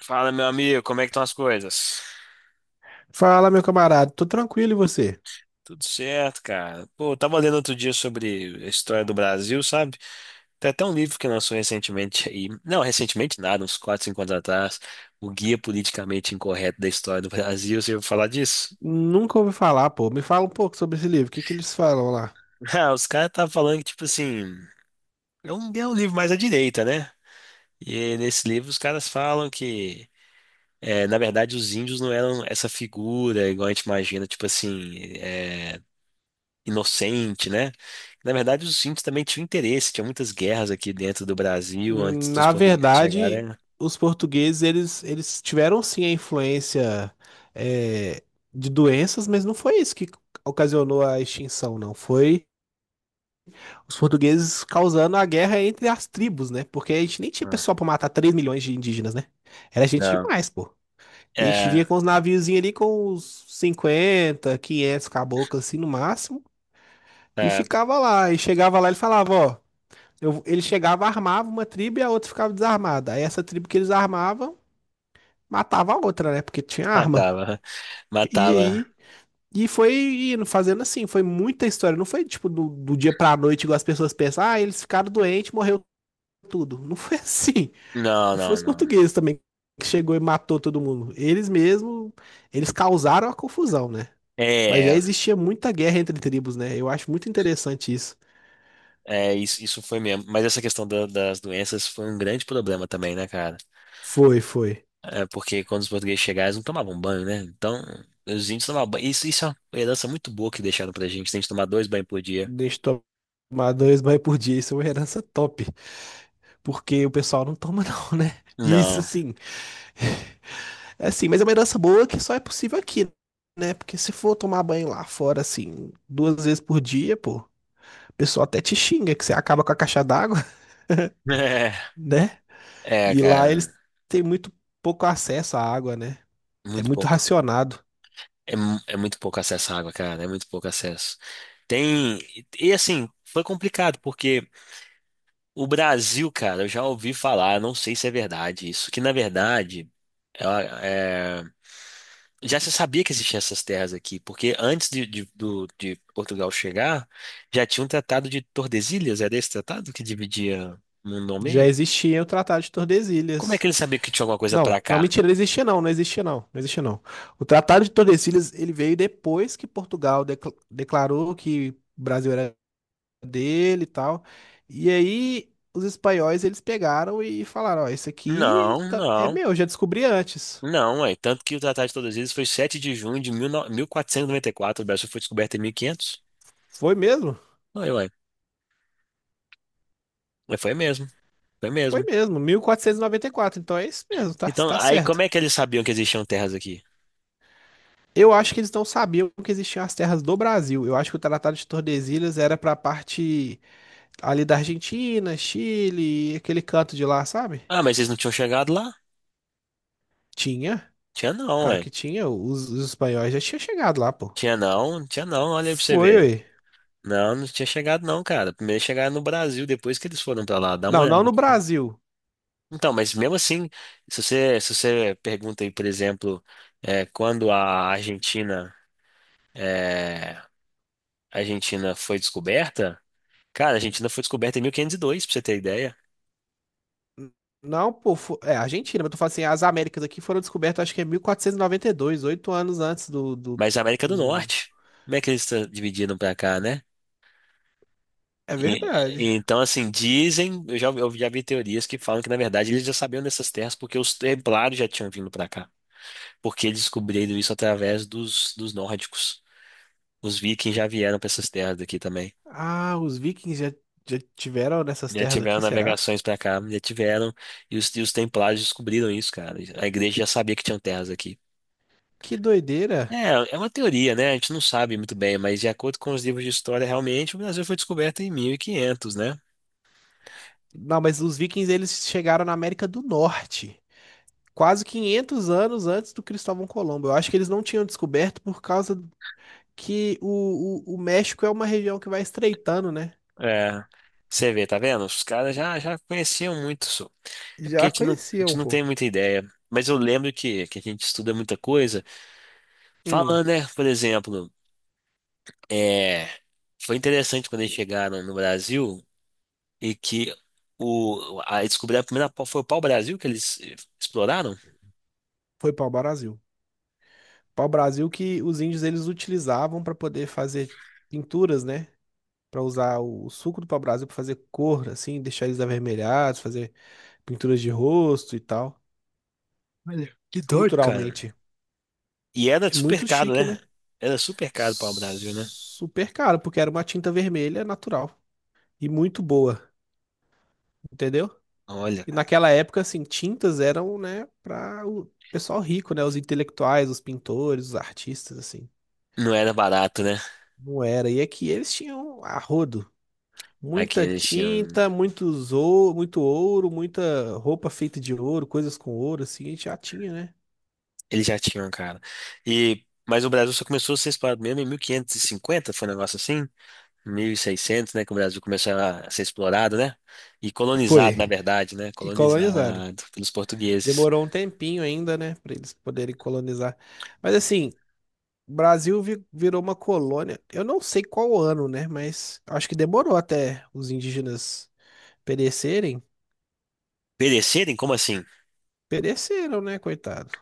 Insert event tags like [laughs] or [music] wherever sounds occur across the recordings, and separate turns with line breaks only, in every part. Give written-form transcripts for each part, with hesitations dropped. Fala, meu amigo, como é que estão as coisas?
Fala, meu camarada, tô tranquilo e você?
Tudo certo, cara. Pô, eu tava lendo outro dia sobre a história do Brasil, sabe? Tem até um livro que lançou recentemente aí. Não, recentemente nada, uns 4 5 anos atrás. O Guia Politicamente Incorreto da História do Brasil. Você ouviu falar disso?
Nunca ouvi falar, pô. Me fala um pouco sobre esse livro, o que que eles falam lá?
[laughs] Ah, os caras estavam falando que, tipo assim, é um livro mais à direita, né? E nesse livro os caras falam que, na verdade, os índios não eram essa figura igual a gente imagina, tipo assim, inocente, né? Na verdade, os índios também tinham interesse, tinha muitas guerras aqui dentro do Brasil antes dos
Na
portugueses
verdade,
chegarem.
os portugueses, eles tiveram sim a influência é, de doenças, mas não foi isso que ocasionou a extinção, não. Foi os portugueses causando a guerra entre as tribos, né? Porque a gente nem tinha
Ah,
pessoal pra matar 3 milhões de indígenas, né? Era gente
não.
demais, pô. E a gente
É,
vinha com os naviozinhos ali com uns 50, 500 caboclos assim no máximo. E
é,
ficava lá, e chegava lá, ele falava, ó, ele chegava, armava uma tribo e a outra ficava desarmada. Aí essa tribo que eles armavam, matava a outra, né? Porque tinha arma.
matava,
E
matava.
aí, e foi indo, fazendo assim, foi muita história. Não foi tipo do dia pra noite, igual as pessoas pensam, ah, eles ficaram doentes, morreu tudo. Não foi [laughs] assim.
Não,
Não foi
não,
os
não.
portugueses também que chegou e matou todo mundo. Eles mesmo, eles causaram a confusão, né? Mas já
É,
existia muita guerra entre tribos, né? Eu acho muito interessante isso.
é isso, isso foi mesmo. Mas essa questão das doenças foi um grande problema também, né, cara?
Foi, foi.
É porque quando os portugueses chegaram, eles não tomavam banho, né? Então, os índios tomavam banho. Isso é uma herança muito boa que deixaram pra gente. Tem que tomar dois banhos por dia.
Deixa eu tomar dois banhos por dia, isso é uma herança top, porque o pessoal não toma [laughs] não, né? Isso
Não.
sim [laughs] é assim, mas é uma herança boa que só é possível aqui, né? Porque se for tomar banho lá fora, assim, duas vezes por dia, pô, o pessoal até te xinga que você acaba com a caixa d'água,
[laughs]
[laughs] né? E lá
Cara,
eles têm muito pouco acesso à água, né? É
muito
muito
pouco.
racionado.
É, é muito pouco acesso à água, cara. É muito pouco acesso. Tem. E assim, foi complicado, porque o Brasil, cara, eu já ouvi falar, não sei se é verdade isso, que na verdade. ela- é, já se sabia que existiam essas terras aqui, porque antes de Portugal chegar, já tinha um tratado de Tordesilhas, era esse tratado que dividia o mundo ao
Já
meio?
existia o Tratado de
Como é que
Tordesilhas.
ele sabia que tinha alguma coisa pra
Não, não,
cá?
mentira, não existia não, não existia não, não existia não. O Tratado de Tordesilhas, ele veio depois que Portugal declarou que o Brasil era dele e tal. E aí os espanhóis, eles pegaram e falaram, ó,
Não,
é
não.
meu, eu já descobri antes.
Não, é tanto que o Tratado de todas as eles foi 7 de junho de 19 1494, o Brasil foi descoberto em 1500.
Foi mesmo?
Aí, ué, ué, mas foi mesmo, foi
Foi
mesmo.
mesmo, mil quatrocentos e noventa e quatro. Então é isso mesmo,
Então,
tá
aí como
certo.
é que eles sabiam que existiam terras aqui?
Eu acho que eles não sabiam que existiam as terras do Brasil. Eu acho que o Tratado de Tordesilhas era pra parte ali da Argentina, Chile, aquele canto de lá, sabe?
Ah, mas eles não tinham chegado lá?
Tinha,
Tinha não,
claro
ué.
que tinha. Os espanhóis já tinham chegado lá, pô.
Tinha não, olha aí pra você
Foi,
ver.
ué.
Não, não tinha chegado não, cara. Primeiro chegaram no Brasil, depois que eles foram pra lá, dá uma
Não, não
olhada,
no
cara.
Brasil.
Então, mas mesmo assim, se você pergunta aí, por exemplo, quando a Argentina, é, a Argentina foi descoberta, cara, a Argentina foi descoberta em 1502, pra você ter ideia.
N- Não, pô, é Argentina, mas eu tô falando assim, as Américas aqui foram descobertas, acho que é 1492, 8 anos antes do, do,
Mas a América do
do-
Norte, como é que eles dividiram pra cá, né?
É
E- e
verdade.
então, assim, dizem, eu já vi teorias que falam que, na verdade, eles já sabiam dessas terras porque os templários já tinham vindo pra cá. Porque eles descobriram isso através dos nórdicos. Os vikings já vieram pra essas terras daqui também.
Ah, os vikings já, já tiveram nessas
Já
terras
tiveram
aqui, será?
navegações pra cá, já tiveram. E os templários descobriram isso, cara. A igreja já sabia que tinham terras aqui.
Que doideira.
É, é uma teoria, né? A gente não sabe muito bem, mas de acordo com os livros de história, realmente o Brasil foi descoberto em 1500, né?
Não, mas os vikings, eles chegaram na América do Norte, quase 500 anos antes do Cristóvão Colombo. Eu acho que eles não tinham descoberto por causa que o México é uma região que vai estreitando, né?
É, você vê, tá vendo? Já conheciam muito isso. É porque
Já
a
conheciam,
gente não
pô.
tem muita ideia. Mas eu lembro que a gente estuda muita coisa.
Hum,
Falando, né? Por exemplo, é, foi interessante quando eles chegaram no Brasil e que descobriram a primeira, foi o pau-brasil que eles exploraram.
foi pau-brasil. Pau-brasil que os índios eles utilizavam para poder fazer pinturas, né? Para usar o suco do pau-brasil para fazer cor, assim, deixar eles avermelhados, fazer pinturas de rosto e tal.
Olha, que doido, cara.
Culturalmente,
E era
é
super
muito
caro,
chique, né?
né? Era super caro para o Brasil, né?
Super caro, porque era uma tinta vermelha natural e muito boa, entendeu?
Olha,
E naquela época, assim, tintas eram, né, para o pessoal rico, né? Os intelectuais, os pintores, os artistas, assim.
não era barato, né?
Não era. E é que eles tinham a rodo.
Aqui
Muita
eles tinham.
tinta, muito ouro, muita roupa feita de ouro, coisas com ouro, assim, a gente já tinha, né?
Eles já tinham, cara. E... mas o Brasil só começou a ser explorado mesmo em 1550, foi um negócio assim? 1600, né? Que o Brasil começou a ser explorado, né? E colonizado, na
Foi.
verdade, né?
E
Colonizado
colonizaram.
pelos portugueses.
Demorou um tempinho ainda, né, para eles poderem colonizar. Mas assim, o Brasil virou uma colônia. Eu não sei qual ano, né, mas acho que demorou até os indígenas perecerem.
Perecerem? Como assim?
Pereceram, né, coitado?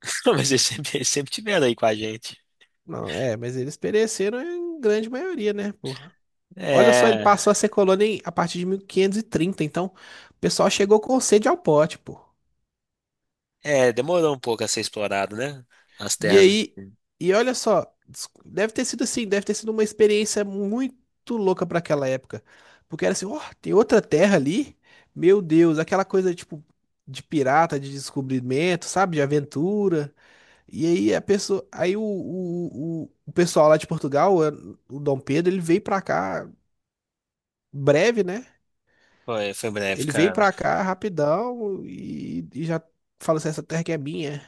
[laughs] Não, mas eles sempre tiveram aí com a gente.
Não, é, mas eles pereceram em grande maioria, né, porra? Olha só, ele
É.
passou a ser colônia a partir de 1530, então o pessoal chegou com sede ao pote, pô.
É, demorou um pouco a ser explorado, né? As
E
terras
aí,
aqui.
e olha só, deve ter sido assim, deve ter sido uma experiência muito louca para aquela época. Porque era assim, ó, tem outra terra ali? Meu Deus, aquela coisa tipo de pirata, de descobrimento, sabe, de aventura. E aí a pessoa, aí o pessoal lá de Portugal, o Dom Pedro, ele veio pra cá breve, né?
Foi, foi breve,
Ele veio
cara.
pra cá rapidão e já falou assim, essa terra que é minha.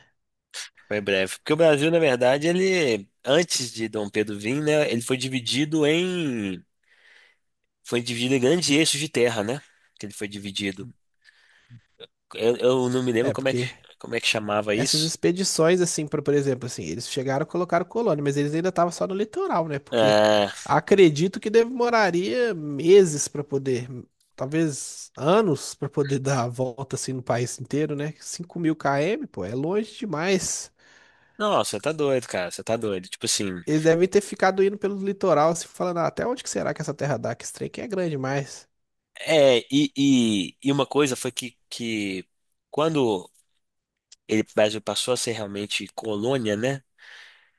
Foi breve. Porque o Brasil, na verdade, ele, antes de Dom Pedro vir, né, ele foi dividido em grandes eixos de terra, né? Que ele foi dividido. Eu não me lembro
É, porque
como é que chamava
essas
isso.
expedições, assim, por exemplo, assim, eles chegaram e colocaram colônia, mas eles ainda estavam só no litoral, né? Porque
É,
acredito que demoraria meses pra poder, talvez anos pra poder [laughs] dar a volta, assim, no país inteiro, né? 5 mil km, pô, é longe demais.
não, você tá doido, cara, você tá doido. Tipo assim,
Eles devem ter ficado indo pelo litoral, assim, falando, "Ah, até onde que será que essa terra dá? Que esse trem aqui é grande demais."
e uma coisa foi que quando ele, o Brasil passou a ser realmente colônia, né,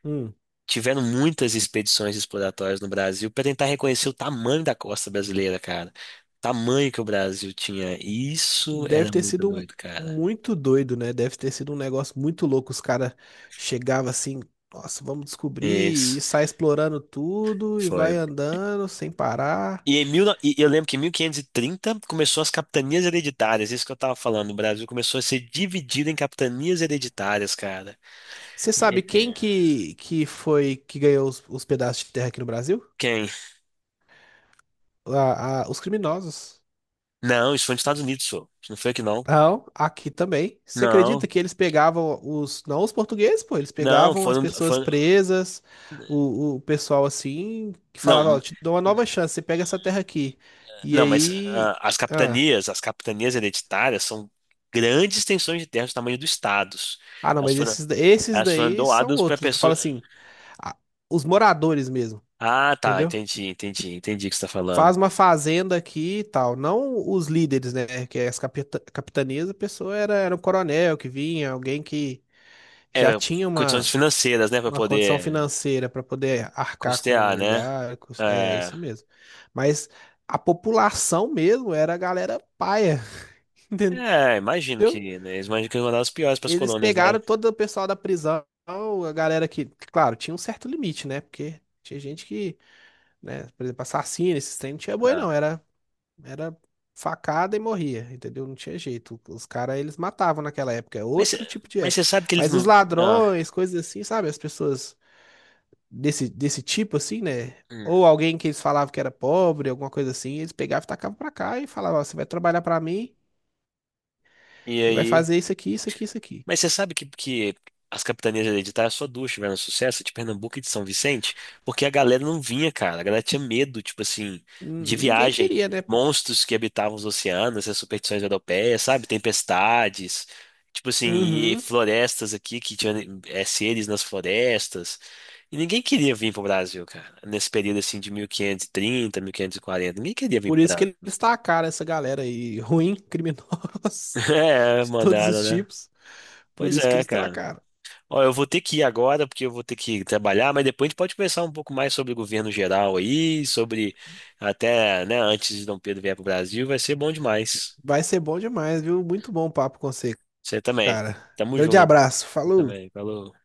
Hum,
tiveram muitas expedições exploratórias no Brasil para tentar reconhecer o tamanho da costa brasileira, cara, tamanho que o Brasil tinha. Isso era
deve ter
muito
sido um-
doido, cara.
muito doido, né? Deve ter sido um negócio muito louco. Os caras chegavam assim, nossa, vamos descobrir,
Isso.
e sai explorando tudo e vai
Foi.
andando sem parar.
E, em mil, e eu lembro que em 1530 começou as capitanias hereditárias, isso que eu tava falando. O Brasil começou a ser dividido em capitanias hereditárias, cara.
Você sabe quem
É.
que foi que ganhou os pedaços de terra aqui no Brasil?
Quem?
Os criminosos.
Não, isso foi nos Estados Unidos, só. Isso não foi aqui, não.
Não, aqui também. Você acredita
Não,
que eles pegavam os, não os portugueses, pô, eles
não,
pegavam as
foram,
pessoas
foram.
presas, o pessoal assim, que falava, ó,
Não,
te dou uma nova chance, você pega essa terra aqui. E
não, mas
aí,
ah,
ah,
as capitanias hereditárias são grandes extensões de terra do tamanho dos estados.
ah, não,
Elas
mas
foram,
esses, esses
elas foram
daí são
doadas para
outros. Tu fala
pessoa.
assim, ah, os moradores mesmo,
Ah, tá,
entendeu?
entendi, entendi, entendi o que você está falando.
Faz uma fazenda aqui e tal, não os líderes, né, que é as capitanias, a pessoa era, era um coronel que vinha, alguém que
É,
já tinha
condições financeiras, né, para
uma condição
poder
financeira para poder arcar com
custear,
o
né?
lugar, é
É,
isso mesmo. Mas a população mesmo era a galera paia, [laughs] entendeu?
é, imagino que, né, eles imaginam que é uma das piores para as
Eles
colônias, né?
pegaram todo o pessoal da prisão, a galera que, claro, tinha um certo limite, né? Porque tinha gente que, né, por exemplo, assassino, esses trem não tinha boi não,
Ah,
era facada e morria, entendeu? Não tinha jeito. Os caras eles matavam naquela época, é
mas,
outro tipo de
mas você
época.
sabe que eles
Mas os
não. Ah,
ladrões, coisas assim, sabe? As pessoas desse tipo, assim, né?
hum,
Ou alguém que eles falavam que era pobre, alguma coisa assim, eles pegavam e tacavam pra cá e falavam, ó, você vai trabalhar pra mim
e
e vai
aí?
fazer isso aqui, isso aqui, isso aqui.
Mas você sabe que as capitanias hereditárias só duas tiveram sucesso, de Pernambuco e de São Vicente, porque a galera não vinha, cara. A galera tinha medo, tipo assim, de
Ninguém
viagem.
queria, né, pô?
Monstros que habitavam os oceanos, as superstições europeias, sabe? Tempestades, tipo assim, e
Uhum.
florestas aqui que tinham seres nas florestas. E ninguém queria vir pro Brasil, cara. Nesse período assim de 1530, 1540, ninguém queria vir
Por
pro
isso que
Brasil.
eles tacaram essa galera aí, ruim,
[laughs]
criminosos, [laughs]
É,
de todos
mandaram,
os
né?
tipos. Por
Pois
isso que
é,
eles
cara.
tacaram.
Ó, eu vou ter que ir agora, porque eu vou ter que trabalhar, mas depois a gente pode conversar um pouco mais sobre o governo geral aí, sobre até, né, antes de Dom Pedro vier para o Brasil, vai ser bom demais.
Vai ser bom demais, viu? Muito bom o papo com você,
Você também.
cara.
Tamo
Grande
junto.
abraço,
Você
falou!
também. Falou.